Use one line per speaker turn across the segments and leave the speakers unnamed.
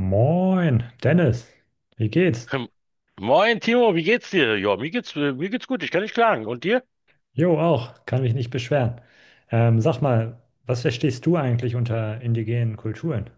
Moin, Dennis. Wie geht's?
Hm. Moin Timo, wie geht's dir? Ja, mir geht's gut, ich kann nicht klagen. Und dir?
Jo, auch. Kann mich nicht beschweren. Sag mal, was verstehst du eigentlich unter indigenen Kulturen?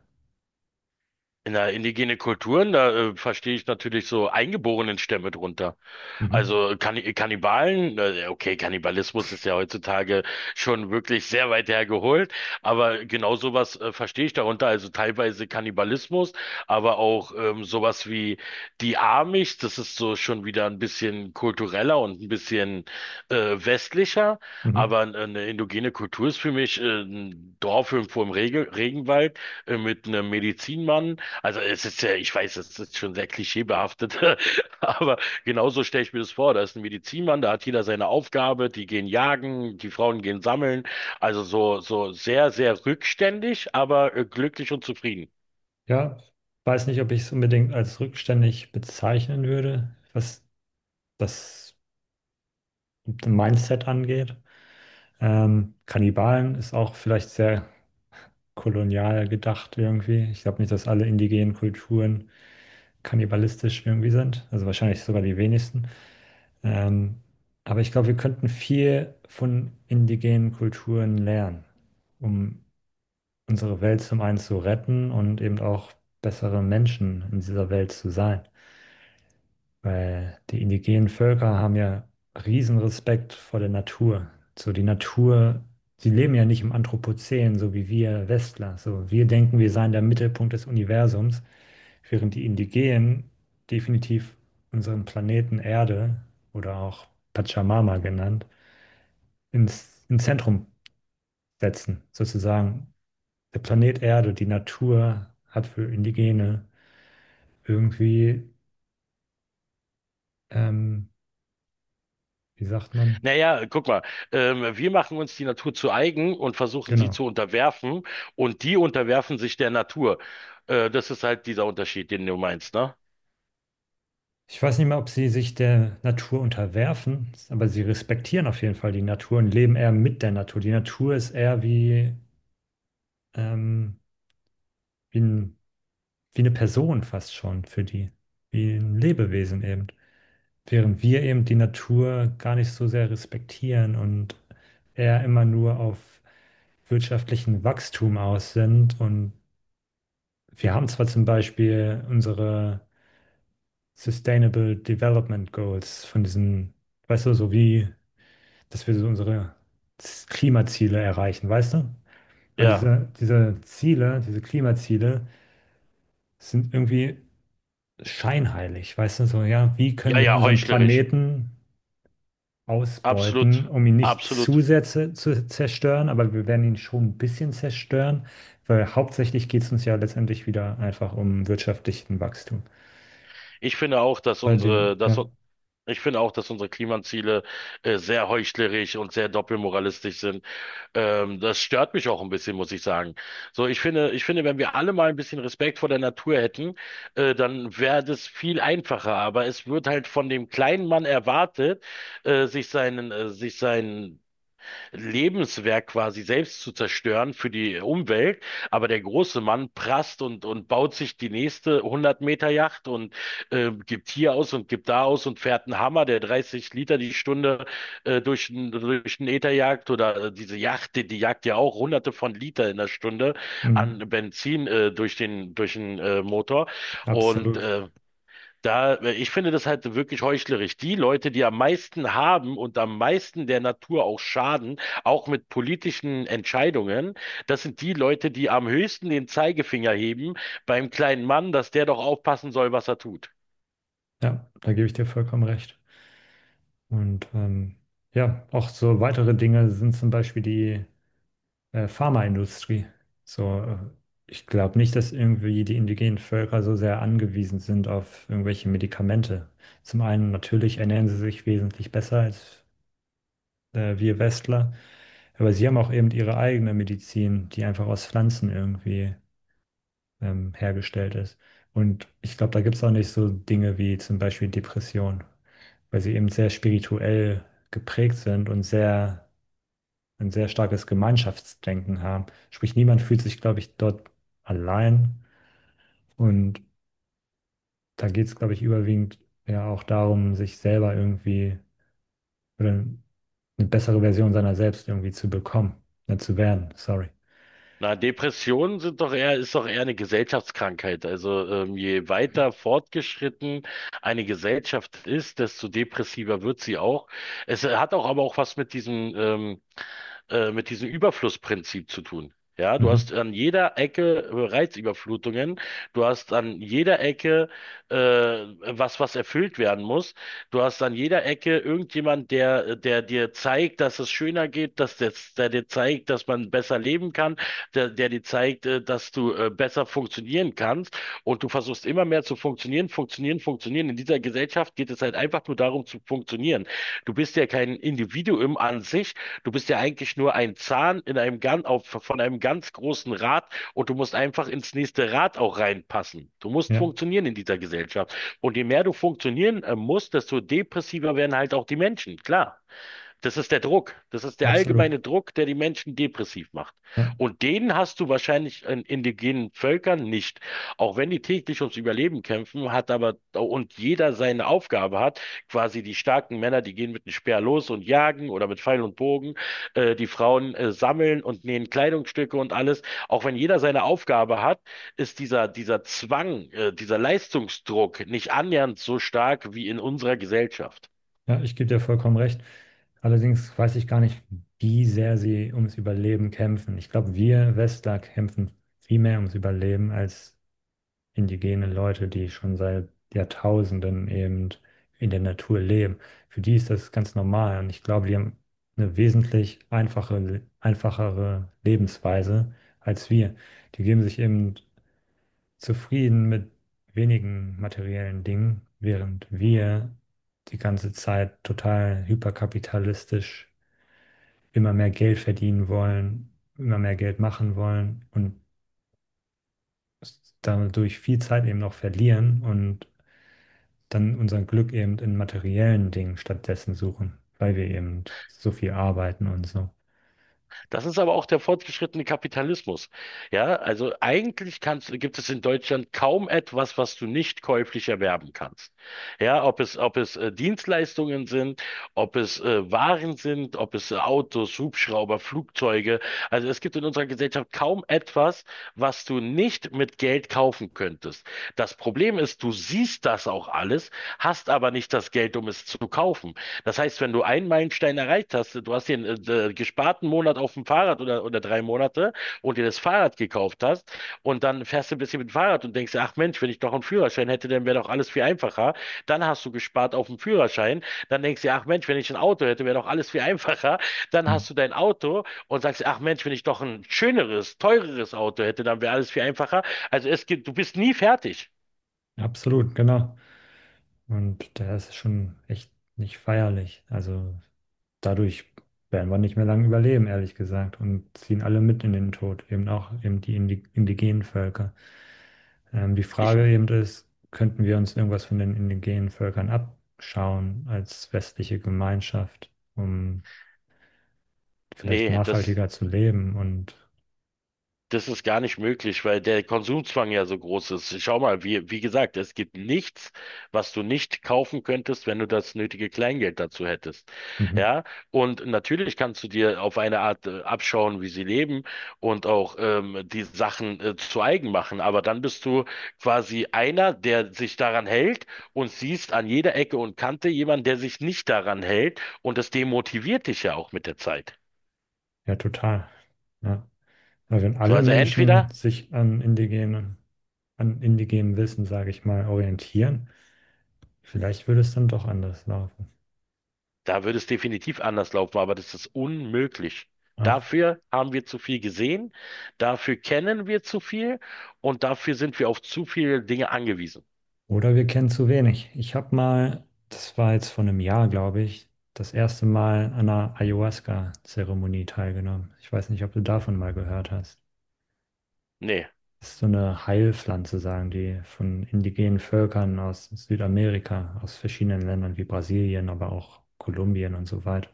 Na, indigene Kulturen, da verstehe ich natürlich so eingeborenen Stämme drunter.
Mhm.
Also Kannibalen, okay, Kannibalismus ist ja heutzutage schon wirklich sehr weit hergeholt, aber genau sowas verstehe ich darunter. Also teilweise Kannibalismus, aber auch sowas wie die Amish, das ist so schon wieder ein bisschen kultureller und ein bisschen westlicher,
Mhm.
aber eine indigene Kultur ist für mich ein Dorf irgendwo im Regenwald mit einem Medizinmann, also es ist ja, ich weiß, es ist schon sehr klischeebehaftet, aber genauso stelle ich mir das vor. Da ist ein Medizinmann, da hat jeder seine Aufgabe, die gehen jagen, die Frauen gehen sammeln. Also so, so sehr, sehr rückständig, aber glücklich und zufrieden.
Ja, weiß nicht, ob ich es unbedingt als rückständig bezeichnen würde, was das Mindset angeht. Kannibalen ist auch vielleicht sehr kolonial gedacht irgendwie. Ich glaube nicht, dass alle indigenen Kulturen kannibalistisch irgendwie sind. Also wahrscheinlich sogar die wenigsten. Ähm, aber ich glaube, wir könnten viel von indigenen Kulturen lernen, um unsere Welt zum einen zu retten und eben auch bessere Menschen in dieser Welt zu sein. Weil die indigenen Völker haben ja riesen Respekt vor der Natur. So die Natur, sie leben ja nicht im Anthropozän, so wie wir Westler. So wir denken, wir seien der Mittelpunkt des Universums, während die Indigenen definitiv unseren Planeten Erde oder auch Pachamama genannt, ins Zentrum setzen. Sozusagen der Planet Erde, die Natur hat für Indigene irgendwie, ähm, wie sagt man,
Naja, guck mal, wir machen uns die Natur zu eigen und versuchen sie
genau.
zu unterwerfen, und die unterwerfen sich der Natur. Das ist halt dieser Unterschied, den du meinst, ne?
Ich weiß nicht mehr, ob sie sich der Natur unterwerfen, aber sie respektieren auf jeden Fall die Natur und leben eher mit der Natur. Die Natur ist eher wie, ähm, wie ein, wie eine Person fast schon für die, wie ein Lebewesen eben. Während wir eben die Natur gar nicht so sehr respektieren und eher immer nur auf wirtschaftlichen Wachstum aus sind. Und wir haben zwar zum Beispiel unsere Sustainable Development Goals von diesen, weißt du, so wie dass wir so unsere Klimaziele erreichen, weißt du? Weil
Ja,
diese Ziele, diese Klimaziele sind irgendwie scheinheilig, weißt du? So, ja, wie
ja,
können wir
ja,
unseren
heuchlerisch.
Planeten ausbeuten,
Absolut,
um ihn nicht
absolut.
zu sehr zu zerstören, aber wir werden ihn schon ein bisschen zerstören, weil hauptsächlich geht es uns ja letztendlich wieder einfach um wirtschaftlichen Wachstum.
Ich finde auch, dass unsere, dass
Ja,
ich finde auch, dass unsere Klimaziele sehr heuchlerisch und sehr doppelmoralistisch sind. Das stört mich auch ein bisschen, muss ich sagen. So, ich finde, wenn wir alle mal ein bisschen Respekt vor der Natur hätten, dann wäre das viel einfacher. Aber es wird halt von dem kleinen Mann erwartet, sich seinen Lebenswerk quasi selbst zu zerstören für die Umwelt. Aber der große Mann prasst und baut sich die nächste 100 Meter Yacht und gibt hier aus und gibt da aus und fährt einen Hammer, der 30 Liter die Stunde durch den Äther jagt, oder diese Yacht, die, die jagt ja auch hunderte von Liter in der Stunde an
mm,
Benzin durch den Motor. Und
absolut.
ich finde das halt wirklich heuchlerisch. Die Leute, die am meisten haben und am meisten der Natur auch schaden, auch mit politischen Entscheidungen, das sind die Leute, die am höchsten den Zeigefinger heben beim kleinen Mann, dass der doch aufpassen soll, was er tut.
Ja, da gebe ich dir vollkommen recht. Und ja, auch so weitere Dinge sind zum Beispiel die Pharmaindustrie. So, ich glaube nicht, dass irgendwie die indigenen Völker so sehr angewiesen sind auf irgendwelche Medikamente. Zum einen natürlich ernähren sie sich wesentlich besser als wir Westler, aber sie haben auch eben ihre eigene Medizin, die einfach aus Pflanzen irgendwie hergestellt ist. Und ich glaube, da gibt es auch nicht so Dinge wie zum Beispiel Depression, weil sie eben sehr spirituell geprägt sind und sehr ein sehr starkes Gemeinschaftsdenken haben. Sprich, niemand fühlt sich, glaube ich, dort allein. Und da geht es, glaube ich, überwiegend ja auch darum, sich selber irgendwie oder eine bessere Version seiner selbst irgendwie zu bekommen, ne, zu werden. Sorry.
Na, Depressionen sind doch eher, ist doch eher eine Gesellschaftskrankheit. Also, je weiter fortgeschritten eine Gesellschaft ist, desto depressiver wird sie auch. Es hat auch aber auch was mit mit diesem Überflussprinzip zu tun. Ja, du
Mhm.
hast an jeder Ecke Reizüberflutungen, du hast an jeder Ecke was erfüllt werden muss, du hast an jeder Ecke irgendjemand, der dir zeigt, dass es schöner geht, dass der dir zeigt, dass man besser leben kann, der dir zeigt, dass du besser funktionieren kannst, und du versuchst immer mehr zu funktionieren, funktionieren, funktionieren. In dieser Gesellschaft geht es halt einfach nur darum zu funktionieren. Du bist ja kein Individuum an sich, du bist ja eigentlich nur ein Zahn in einem von einem ganz großen Rad, und du musst einfach ins nächste Rad auch reinpassen. Du musst
Ja,
funktionieren in dieser Gesellschaft. Und je mehr du funktionieren musst, desto depressiver werden halt auch die Menschen, klar. Das ist der Druck. Das ist der
absolut.
allgemeine Druck, der die Menschen depressiv macht.
Ja,
Und den hast du wahrscheinlich in indigenen Völkern nicht. Auch wenn die täglich ums Überleben kämpfen, und jeder seine Aufgabe hat, quasi die starken Männer, die gehen mit einem Speer los und jagen oder mit Pfeil und Bogen, die Frauen sammeln und nähen Kleidungsstücke und alles. Auch wenn jeder seine Aufgabe hat, ist dieser, dieser Zwang, dieser Leistungsdruck nicht annähernd so stark wie in unserer Gesellschaft.
ja, ich gebe dir vollkommen recht. Allerdings weiß ich gar nicht, wie sehr sie ums Überleben kämpfen. Ich glaube, wir Westler kämpfen viel mehr ums Überleben als indigene Leute, die schon seit Jahrtausenden eben in der Natur leben. Für die ist das ganz normal und ich glaube, die haben eine wesentlich einfache, einfachere Lebensweise als wir. Die geben sich eben zufrieden mit wenigen materiellen Dingen, während wir die ganze Zeit total hyperkapitalistisch immer mehr Geld verdienen wollen, immer mehr Geld machen wollen und dadurch viel Zeit eben noch verlieren und dann unser Glück eben in materiellen Dingen stattdessen suchen, weil wir eben so viel arbeiten und so.
Das ist aber auch der fortgeschrittene Kapitalismus. Ja, also gibt es in Deutschland kaum etwas, was du nicht käuflich erwerben kannst. Ja, ob es Dienstleistungen sind, ob es Waren sind, ob es Autos, Hubschrauber, Flugzeuge. Also es gibt in unserer Gesellschaft kaum etwas, was du nicht mit Geld kaufen könntest. Das Problem ist, du siehst das auch alles, hast aber nicht das Geld, um es zu kaufen. Das heißt, wenn du einen Meilenstein Deadline erreicht hast, du hast den gesparten Monat auf dem Fahrrad oder drei Monate und dir das Fahrrad gekauft hast, und dann fährst du ein bisschen mit dem Fahrrad und denkst dir, ach Mensch, wenn ich doch einen Führerschein hätte, dann wäre doch alles viel einfacher. Dann hast du gespart auf dem Führerschein, dann denkst du dir, ach Mensch, wenn ich ein Auto hätte, wäre doch alles viel einfacher. Dann
Hm,
hast du dein Auto und sagst dir, ach Mensch, wenn ich doch ein schöneres, teureres Auto hätte, dann wäre alles viel einfacher. Also es gibt, du bist nie fertig.
absolut, genau. Und da ist es schon echt nicht feierlich. Also dadurch werden wir nicht mehr lange überleben, ehrlich gesagt, und ziehen alle mit in den Tod, eben auch eben die indigenen Völker. Die
Ich,
Frage eben ist, könnten wir uns irgendwas von den indigenen Völkern abschauen als westliche Gemeinschaft, um vielleicht
das,
nachhaltiger zu leben und
das ist gar nicht möglich, weil der Konsumzwang ja so groß ist. Schau mal, wie gesagt, es gibt nichts, was du nicht kaufen könntest, wenn du das nötige Kleingeld dazu hättest. Ja, und natürlich kannst du dir auf eine Art abschauen, wie sie leben und auch die Sachen zu eigen machen. Aber dann bist du quasi einer, der sich daran hält und siehst an jeder Ecke und Kante jemanden, der sich nicht daran hält, und das demotiviert dich ja auch mit der Zeit.
ja, total. Ja. Aber wenn
So,
alle
also
Menschen
entweder
sich an indigenem Wissen, sage ich mal, orientieren, vielleicht würde es dann doch anders laufen.
Da würde es definitiv anders laufen, aber das ist unmöglich.
Ja.
Dafür haben wir zu viel gesehen, dafür kennen wir zu viel, und dafür sind wir auf zu viele Dinge angewiesen.
Oder wir kennen zu wenig. Ich habe mal, das war jetzt vor einem Jahr, glaube ich, das erste Mal an einer Ayahuasca-Zeremonie teilgenommen. Ich weiß nicht, ob du davon mal gehört hast.
Nee,
Das ist so eine Heilpflanze, sagen die, von indigenen Völkern aus Südamerika, aus verschiedenen Ländern wie Brasilien, aber auch Kolumbien und so weiter.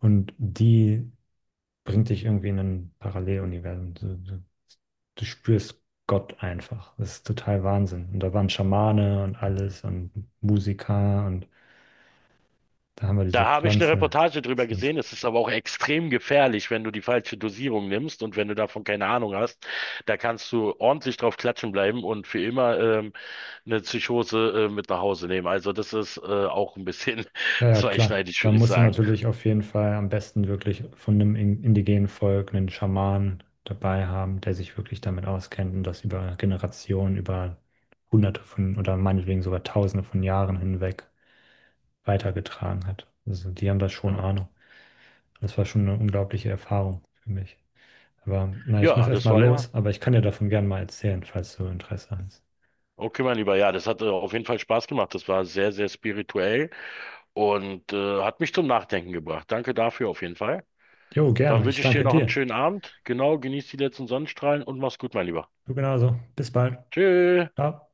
Und die bringt dich irgendwie in ein Paralleluniversum. Du spürst Gott einfach. Das ist total Wahnsinn. Und da waren Schamane und alles und Musiker und da haben wir diese
da habe ich eine
Pflanze.
Reportage drüber
Das
gesehen. Es ist aber auch extrem gefährlich, wenn du die falsche Dosierung nimmst und wenn du davon keine Ahnung hast. Da kannst du ordentlich drauf klatschen bleiben und für immer eine Psychose mit nach Hause nehmen. Also das ist auch ein bisschen
Ja, ja, klar.
zweischneidig,
Da
würde ich
musst du
sagen.
natürlich auf jeden Fall am besten wirklich von einem indigenen Volk einen Schamanen dabei haben, der sich wirklich damit auskennt und das über Generationen, über Hunderte von oder meinetwegen sogar Tausende von Jahren hinweg weitergetragen hat. Also die haben da schon
Ja,
Ahnung. Das war schon eine unglaubliche Erfahrung für mich. Aber na, ich muss
ja, das
erstmal
war ja.
los, aber ich kann dir davon gerne mal erzählen, falls du Interesse hast.
Okay, mein Lieber, ja, das hat auf jeden Fall Spaß gemacht. Das war sehr, sehr spirituell und hat mich zum Nachdenken gebracht. Danke dafür auf jeden Fall.
Jo,
Dann
gerne. Ich
wünsche ich dir
danke
noch einen
dir.
schönen Abend. Genau, genieß die letzten Sonnenstrahlen und mach's gut, mein Lieber.
Du genauso. Bis bald.
Tschüss.
Ciao.